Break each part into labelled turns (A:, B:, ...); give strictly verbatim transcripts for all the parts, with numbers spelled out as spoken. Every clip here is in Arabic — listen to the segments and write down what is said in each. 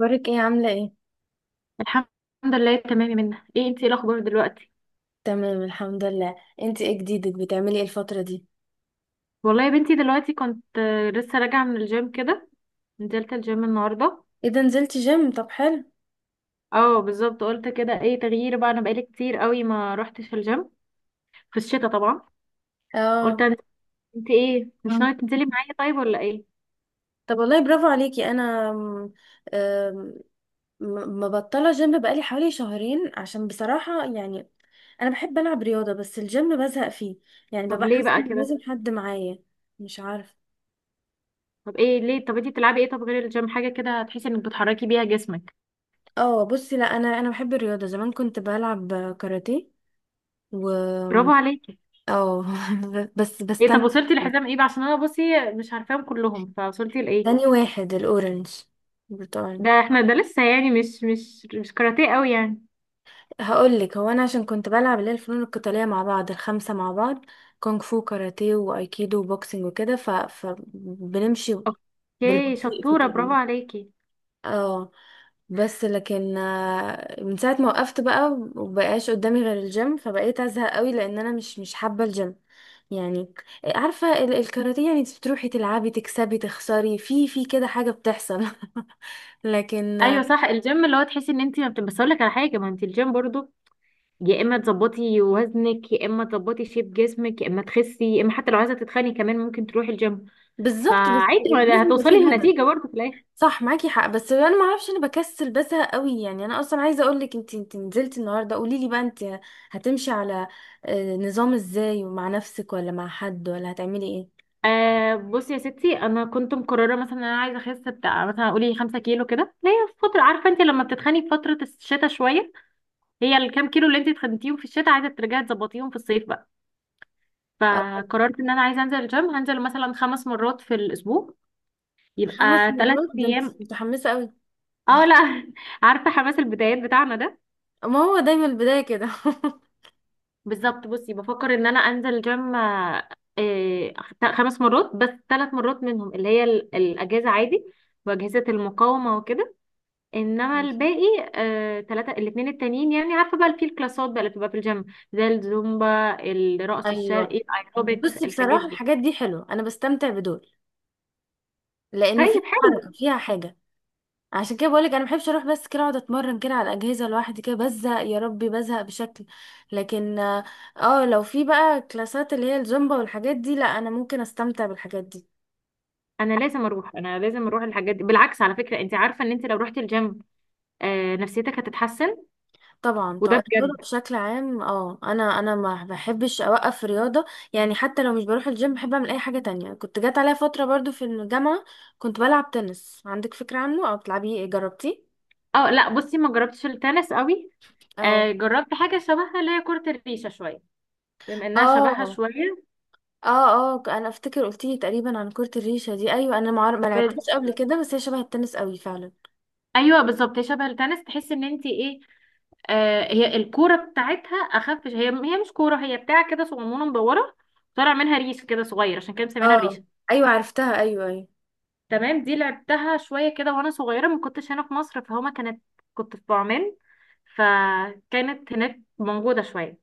A: اخبارك ايه عاملة ايه؟
B: الحمد لله، تمام يا منى. ايه انتي؟ إيه الاخبار دلوقتي؟
A: تمام، الحمد لله. انتي ايه جديدك؟ بتعملي ايه الفترة دي؟
B: والله يا بنتي دلوقتي كنت آه، لسه راجعه من الجيم كده. نزلت الجيم النهارده.
A: ايه ده، نزلتي جيم؟ طب حلو.
B: اه بالظبط، قلت كده ايه تغيير بقى. انا بقالي كتير قوي ما روحتش الجيم في الشتاء طبعا. قلت
A: اه.
B: أنا- أنت انتي ايه، مش ناويه تنزلي معايا طيب ولا ايه؟
A: طب والله برافو عليكي. انا م- آم، م- مبطلة جيم بقالي حوالي شهرين، عشان بصراحة يعني انا بحب العب رياضة بس الجيم بزهق فيه. يعني
B: طب
A: ببقى
B: ليه
A: حاسة
B: بقى
A: ان
B: كده؟
A: لازم حد معايا. مش عارفة.
B: طب ايه ليه؟ طب انتي بتلعبي ايه طب غير الجيم، حاجه كده تحسي انك بتحركي بيها جسمك؟
A: اه بصي، لا، انا انا بحب الرياضة. زمان كنت بلعب كاراتيه و
B: برافو عليكي.
A: اه بس
B: ايه طب
A: بستمتع.
B: وصلتي لحزام ايه بقى، عشان انا بصي مش عارفاهم كلهم، فوصلتي لايه؟
A: تاني واحد، الاورنج، برتقال.
B: ده احنا ده لسه، يعني مش مش مش كاراتيه قوي يعني.
A: هقول لك، هو انا عشان كنت بلعب اللي هي الفنون القتاليه مع بعض، الخمسه مع بعض: كونغ فو، كاراتيه، وايكيدو، وبوكسنج، وكده، ف... فبنمشي
B: اوكي
A: بالبطيء في
B: شطورة، برافو
A: كله.
B: عليكي.
A: اه. بس لكن آه، من ساعه ما وقفت بقى، ومبقاش قدامي غير الجيم، فبقيت ازهق قوي لان انا مش مش حابه الجيم يعني. عارفه ال- الكاراتيه، يعني انت بتروحي تلعبي تكسبي تخسري، في في كده حاجه بتحصل. لكن
B: ايوه
A: آه،
B: صح، الجيم اللي هو تحسي ان انت ما بت... بس اقول لك على حاجة، ما انت الجيم برضو يا اما تظبطي وزنك، يا اما تظبطي شيب جسمك، يا اما تخسي، يا اما حتى لو عايزة تتخني كمان ممكن تروحي الجيم.
A: بالظبط، بس
B: فعادي، ما
A: لازم يبقى
B: هتوصلي
A: فيه هدف.
B: لنتيجة برضو في الاخر.
A: صح، معاكي حق، بس انا ما اعرفش، انا بكسل بزهق قوي يعني. انا اصلا عايزه اقول لك، انت انت نزلتي النهارده قولي لي بقى، انت هتمشي على آه، نظام ازاي؟ ومع نفسك ولا مع حد ولا هتعملي ايه؟
B: آه بصي يا ستي، انا كنت مقررة مثلا ان انا عايزة اخس، بتاع مثلا قولي 5 كيلو كده، اللي هي في فترة عارفة انت لما بتتخني في فترة الشتاء شوية. هي الكام كيلو اللي انت اتخنتيهم في الشتاء عايزة ترجعي تظبطيهم في الصيف بقى.
A: آه،
B: فقررت ان انا عايزه انزل الجيم، هنزل مثلا خمس مرات في الاسبوع، يبقى
A: خمس
B: ثلاث
A: مرات؟ ده انت
B: ايام.
A: متحمسه قوي.
B: اه لا. عارفه حماس البدايات بتاعنا ده.
A: ما هو دايما البدايه كده.
B: بالظبط، بصي بفكر ان انا انزل الجيم آه، آه، خمس مرات، بس ثلاث مرات منهم اللي هي ال- الاجازه عادي، واجهزه المقاومه وكده. انما
A: ماشي.
B: الباقي آه، ثلاثه، الاثنين التانيين يعني عارفه بقى في الكلاسات بقى اللي بتبقى في الجيم، زي الزومبا، الرقص
A: ايوه
B: الشرقي، الايروبكس،
A: بصي،
B: الحاجات
A: بصراحه
B: دي.
A: الحاجات دي حلوه، انا بستمتع بدول لانه فيها
B: طيب حلو.
A: حركه، فيها حاجه. عشان كده بقولك انا محبش اروح بس كده اقعد اتمرن كده على الاجهزه لوحدي، كده بزهق، يا ربي بزهق بشكل، لكن اه آه، لو في بقى كلاسات اللي هي الزومبا والحاجات دي، لا انا ممكن استمتع بالحاجات دي.
B: انا لازم اروح انا لازم اروح الحاجات دي، بالعكس. على فكره انت عارفه ان انت لو رحتي الجيم آه نفسيتك هتتحسن،
A: طبعا.
B: وده
A: طيب الرياضه
B: بجد.
A: بشكل عام، اه انا انا ما بحبش اوقف رياضه، يعني حتى لو مش بروح الجيم بحب اعمل اي حاجه تانية. كنت جات عليا فتره برضو في الجامعه كنت بلعب تنس. عندك فكره عنه او بتلعبيه إيه؟ جربتيه؟
B: اه لا، بصي ما جربتش التنس قوي.
A: اه.
B: آه جربت حاجه شبهها اللي هي كره الريشه شويه، بما انها شبهها
A: اه.
B: شويه.
A: اه. اه. انا افتكر قلتيلي تقريبا عن كرة الريشة دي. ايوه، انا ما عار- ما
B: بس
A: لعبتهاش قبل كده، بس هي شبه التنس قوي فعلا.
B: ايوه بالظبط، هي شبه التنس، تحسي ان انت ايه. آه هي الكوره بتاعتها اخف هي هي مش كوره، هي بتاع كده صغنونه مدوره، طالع منها ريش كده صغير، عشان كده مسمينها الريشه.
A: اه. ايوه عرفتها، ايوه، ايوه،
B: تمام. دي لعبتها شوية كده وانا صغيرة، ما كنتش هنا في مصر، فهما كانت، كنت في بعمان فكانت هناك موجودة شوية.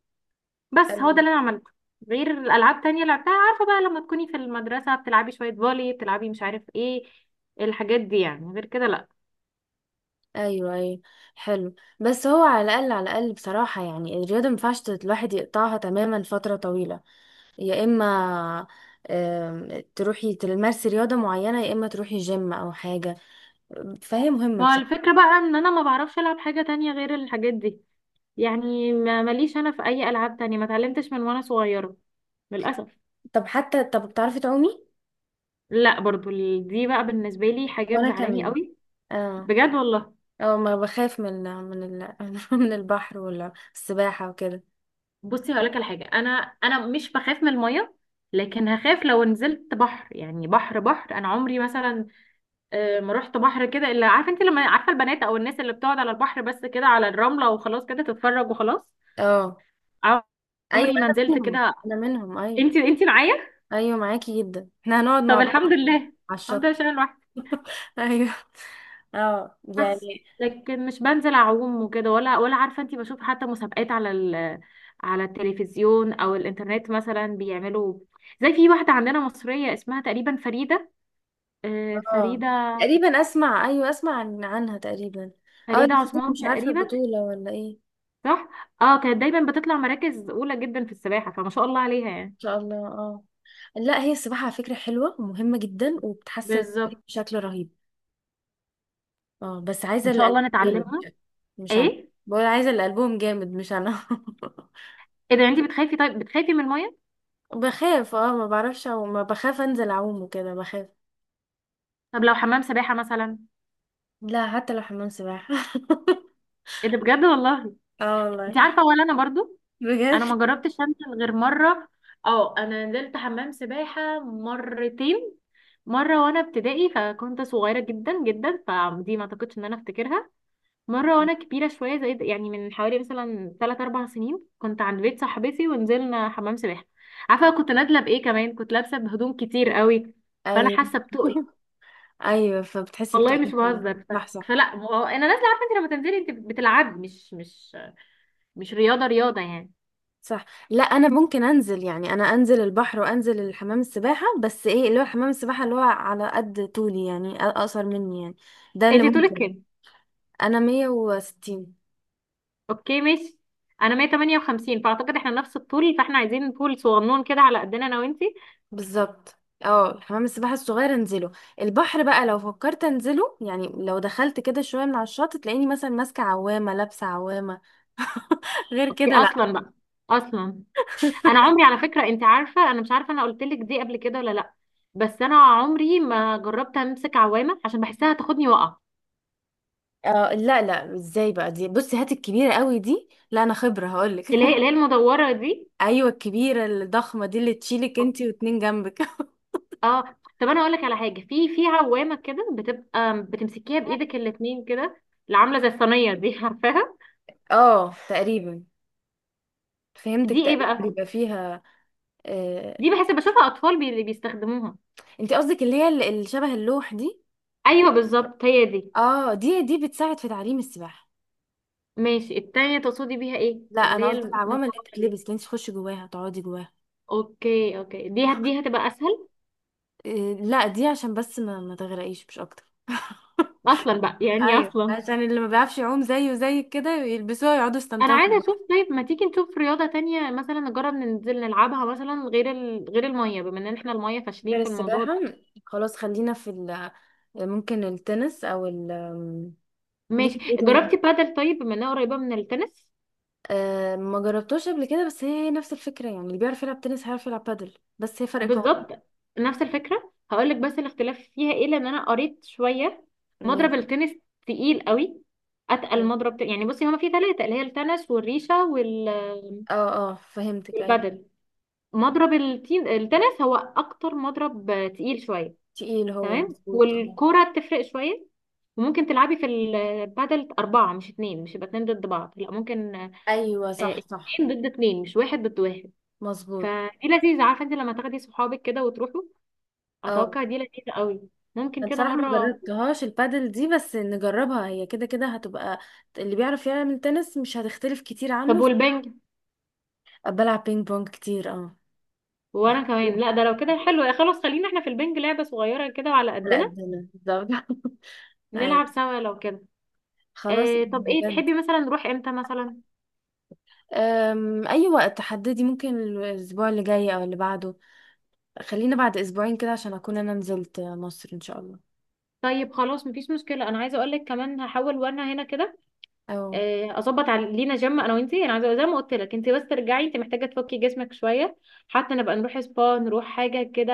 B: بس هو
A: ايوه،
B: ده اللي انا عملته، غير الالعاب تانية لعبتها عارفة بقى لما تكوني في المدرسة بتلعبي شوية فولي، بتلعبي مش عارف ايه، الحاجات دي يعني. غير كده لا.
A: ايوه. ايوه. حلو. بس هو على الاقل، على الاقل بصراحه يعني الرياضه ما ينفعش تت- الواحد يقطعها تماما فتره طويله. يا اما آم، تروحي تمارسي رياضه معينه، يا اما تروحي جيم او حاجه. فهي مهمه
B: ما هو
A: بصراحه.
B: الفكرة بقى ان انا ما بعرفش العب حاجة تانية غير الحاجات دي. يعني ما- ماليش انا في اي العاب تانية، ما اتعلمتش من وانا صغيرة، للأسف.
A: طب حتى، طب بتعرفي تعومي؟
B: لا برضو، ال- دي بقى بالنسبة لي حاجة
A: وانا
B: مزعلاني
A: كمان.
B: قوي.
A: اه،
B: بجد والله.
A: اه، ما بخاف من من ال... من البحر ولا السباحة وكده.
B: بصي هقولك على حاجه، انا انا مش بخاف من الميه، لكن هخاف لو نزلت بحر، يعني بحر بحر. انا عمري مثلا آه، ما رحت بحر كده، الا عارفه انت لما عارفه البنات او الناس اللي بتقعد على البحر بس كده على الرمله وخلاص كده تتفرج وخلاص.
A: اه. ايوه
B: عمري ما
A: انا
B: نزلت
A: منهم.
B: كده.
A: انا منهم، ايوه.
B: انت انت معايا.
A: ايوه معاكي جدا، احنا هنقعد
B: طب
A: مع بعض
B: الحمد لله.
A: بصراحة على
B: الحمد لله
A: الشط.
B: عشان أنا لوحدي.
A: ايوه. اه
B: بس
A: يعني.
B: لكن مش بنزل اعوم وكده، ولا ولا عارفه انت بشوف حتى مسابقات على ال على التلفزيون او الانترنت مثلا بيعملوا. زي في واحده عندنا مصريه اسمها تقريبا فريده، آه،
A: اه
B: فريدة،
A: تقريبا اسمع، ايوه اسمع عن... عنها تقريبا. اه
B: فريدة
A: اللي خدت
B: عثمان
A: مش عارفة
B: تقريبا.
A: بطولة ولا ايه. ان
B: صح. اه كانت دايما بتطلع مراكز اولى جدا في السباحة، فما شاء الله عليها يعني.
A: شاء الله. اه لا، هي السباحة على فكرة حلوة ومهمة جدا، وبتحسن
B: بالظبط،
A: بشكل رهيب. اه، بس عايزة
B: ان
A: اللي
B: شاء الله
A: قلبهم جامد،
B: نتعلمها.
A: مش انا.
B: ايه؟
A: بقول عايزة اللي قلبهم جامد، مش انا.
B: ايه ده، انت بتخافي؟ طيب بتخافي من المية؟
A: بخاف، اه ما بعرفش، او ما بخاف انزل اعوم وكده، بخاف.
B: طب لو حمام سباحة مثلا؟
A: لا، حتى لو حمام سباحة.
B: ايه ده، بجد والله؟
A: اه
B: انت
A: والله.
B: عارفة ولا انا برضو،
A: بجد.
B: انا ما جربتش انزل غير مرة. اه انا نزلت حمام سباحة مرتين، مرة وانا ابتدائي فكنت صغيرة جدا جدا، فدي ما اعتقدش ان انا افتكرها، مرة وأنا كبيرة شوية، زي يعني من حوالي مثلا تلات أربع سنين، كنت عند بيت صاحبتي ونزلنا حمام سباحة. عارفة كنت نازلة بإيه كمان، كنت لابسة بهدوم كتير قوي، فأنا
A: ايوه.
B: حاسة بتقل.
A: ايوه، فبتحسي
B: والله مش
A: بتقلي فعلا.
B: بهزر ف...
A: صح، صح.
B: فلا ما هو أنا نازلة، عارفة أنت لما تنزلي أنت بتلعبي، مش مش مش رياضة رياضة يعني.
A: صح، لا انا ممكن انزل، يعني انا انزل البحر وانزل الحمام السباحه، بس ايه، اللي هو حمام السباحه اللي هو على قد طولي، يعني أ- اقصر مني يعني. ده اللي
B: أنت طولك
A: ممكن.
B: كام؟
A: انا مية وستين.
B: أوكي ماشي، أنا مية وتمنية وخمسين، فأعتقد إحنا نفس الطول، فإحنا عايزين طول صغنون كده على قدنا، أنا وأنتي.
A: بالظبط. اه حمام السباحة الصغير انزله. البحر بقى لو فكرت انزله، يعني لو دخلت كده شوية من على الشط، تلاقيني مثلا ماسكة عوامة، لابسة عوامة، غير
B: أوكي
A: كده لا.
B: أصلا بقى، أصلا انا عمري، على فكره انت عارفه، انا مش عارفه انا قلت لك دي قبل كده ولا لا، بس انا عمري ما جربت امسك عوامه عشان بحسها تاخدني وقع.
A: اه، لا لا، ازاي بقى دي؟ بصي، هات الكبيرة قوي دي، لا انا خبرة هقولك.
B: اللي هي اللي هي المدوره دي.
A: ايوه الكبيرة الضخمة دي، اللي تشيلك انتي واتنين جنبك.
B: اه طب انا اقول لك على حاجه، في في عوامه كده بتبقى بتمسكيها بايدك الاتنين كده، اللي عامله زي الصينيه، دي عارفاها؟
A: اه تقريبا، فهمتك
B: دي ايه
A: تقريبا
B: بقى؟
A: بيبقى فيها آه...
B: دي بحس بشوفها اطفال بي اللي بيستخدموها.
A: انتي قصدك اللي هي اللي شبه اللوح دي؟
B: ايوه بالظبط هي دي.
A: اه، دي دي بتساعد في تعليم السباحة.
B: ماشي، التانية تقصدي بيها ايه،
A: لا
B: اللي
A: انا
B: هي
A: قصدي
B: المدوره
A: العوامه اللي
B: دي؟
A: بتتلبس، اللي انت تخشي جواها، تقعدي جواها.
B: اوكي اوكي، دي هت- دي هتبقى اسهل.
A: إيه، لا دي عشان بس ما, ما تغرقيش، مش اكتر.
B: اصلا بقى يعني،
A: ايوه،
B: اصلا
A: عشان اللي ما بيعرفش يعوم زيه وزيك كده يلبسوها، يقعدوا
B: انا
A: يستمتعوا في
B: عايزه اشوف.
A: البحر.
B: طيب ما تيجي نشوف رياضه تانية مثلا، نجرب ننزل نلعبها مثلا غير ال... غير الميه، بما ان احنا الميه فاشلين
A: غير
B: في الموضوع
A: السباحه،
B: ده.
A: خلاص خلينا في ال ممكن التنس او ال
B: ماشي،
A: ليكي في ايه تاني؟
B: جربتي بادل طيب، بما انها قريبه من التنس؟
A: أه، ما جربتوش قبل كده، بس هي هي نفس الفكره، يعني اللي بيعرف يلعب تنس هيعرف يلعب بادل، بس هي فرق قوانين.
B: بالظبط، نفس الفكره. هقول لك بس الاختلاف فيها ايه، لان انا قريت شويه. مضرب
A: ماشي.
B: التنس تقيل قوي، اتقل مضرب، ت- يعني بصي هما في ثلاثه، اللي هي التنس والريشه وال-
A: اه، اه، فهمتك. ايوه.
B: والبادل. مضرب التين... التنس هو اكتر مضرب تقيل شويه.
A: تقيل، هو
B: تمام.
A: مظبوط، اه.
B: والكرة تفرق شوية. وممكن تلعبي في البادل أربعة مش اتنين، مش يبقى اتنين ضد بعض، لا ممكن آه،
A: ايوه، صح، صح.
B: اتنين ضد اتنين، مش واحد ضد واحد.
A: مظبوط.
B: فدي لذيذة، عارفة انت لما تاخدي صحابك كده وتروحوا،
A: اه
B: أتوقع دي لذيذة قوي، ممكن
A: انا
B: كده
A: بصراحه ما
B: مرة.
A: جربتهاش البادل دي، بس نجربها، هي كده كده هتبقى اللي بيعرف يعمل تنس، مش هتختلف كتير
B: طب
A: عنه.
B: والبنج؟
A: بلعب بينج بونج كتير، اه.
B: وانا كمان،
A: محبوب.
B: لا ده لو كده حلو، يا خلاص خلينا احنا في البنج، لعبة صغيرة كده وعلى
A: على
B: قدنا.
A: قدنا، بالظبط. اي،
B: نلعب سوا لو كده.
A: خلاص،
B: آه طب ايه
A: بجد.
B: تحبي مثلا نروح امتى مثلا؟
A: أم، اي وقت تحددي، ممكن الاسبوع اللي جاي او اللي بعده. خلينا بعد اسبوعين كده، عشان اكون انا نزلت مصر ان شاء الله.
B: طيب خلاص، مفيش مشكلة. انا عايزة اقولك كمان، هحاول وانا هنا كده
A: او
B: آه، اظبط على لينا جيم، انا وانتي. انا عايزه زي ما قلت لك، انتي بس ترجعي، انتي محتاجه تفكي جسمك شويه، حتى نبقى نروح سبا، نروح حاجه كده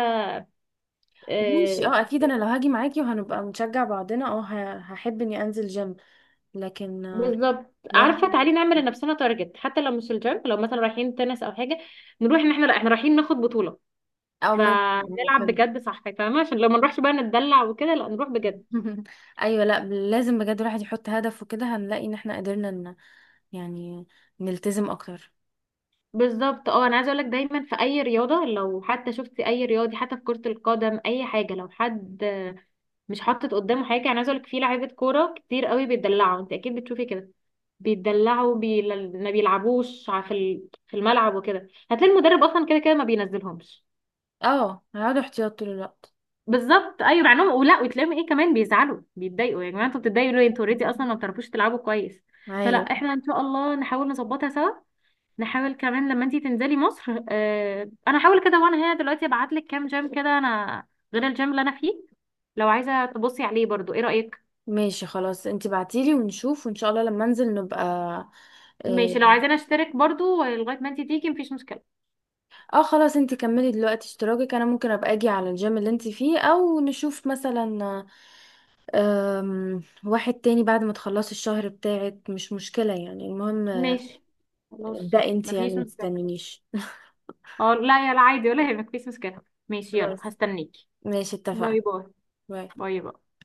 A: ماشي.
B: آه،
A: اه اكيد، انا لو هاجي معاكي وهنبقى نشجع بعضنا، اه ه- هحب اني انزل جيم. لكن آه،
B: بالظبط،
A: لوحدي.
B: عارفه تعالي نعمل لنفسنا تارجت، حتى لو مش الجيم، لو مثلا رايحين تنس او حاجه، نروح ان احنا، لا احنا رايحين ناخد بطوله
A: او ماشي. أو
B: فنلعب
A: حلو.
B: بجد، صح فاهمه، عشان لو ما نروحش بقى نتدلع وكده، لا نروح بجد.
A: ايوه، لا لازم بجد الواحد يحط هدف، وكده هنلاقي ان احنا قدرنا ان يعني نلتزم اكتر.
B: بالظبط. اه انا عايزه اقول لك، دايما في اي رياضه، لو حتى شفتي اي رياضي، حتى في كره القدم اي حاجه، لو حد مش حاطط قدامه حاجه، يعني عايزه اقولك، في لعيبه كوره كتير قوي بيتدلعوا، انت اكيد بتشوفي كده، بيتدلعوا بي... ما بيلعبوش ع- في ال- في الملعب، وكده هتلاقي المدرب اصلا كده كده ما بينزلهمش.
A: اه هقعد احتياط طول الوقت.
B: بالظبط ايوه، مع انهم ولا، وتلاقيهم ايه كمان، بيزعلوا بيتضايقوا، يا جماعه انتوا بتتضايقوا ليه، انتوا اوريدي اصلا ما بتعرفوش تلعبوا كويس. فلا
A: ايوه.
B: احنا ان شاء الله نحاول نظبطها سوا، نحاول كمان لما انتي تنزلي مصر. اه انا هحاول كده وانا هنا دلوقتي، ابعت لك كام جيم كده انا، غير الجيم اللي انا فيه، لو عايزه تبصي عليه برضو. ايه رايك؟
A: ماشي، خلاص، انتي بعتيلي ونشوف، وان شاء الله لما انزل نبقى اه
B: ماشي، لو عايزين اشترك برضو لغاية ما انتي تيجي، مفيش مشكلة.
A: آه، خلاص، انتي كملي دلوقتي اشتراكك، انا ممكن ابقى اجي على الجيم اللي انتي فيه، او نشوف مثلا أم... واحد تاني بعد ما تخلصي الشهر بتاعك، مش مشكلة يعني، المهم.
B: ماشي، خلاص
A: ده انتي يعني
B: مفيش مشكلة.
A: متستنينيش.
B: اه لا يا لا، عادي ولا يهمك، مفيش مشكلة. ماشي، يلا
A: خلاص.
B: هستنيكي.
A: ماشي، اتفقنا.
B: باي باي.
A: باي.
B: باي باي.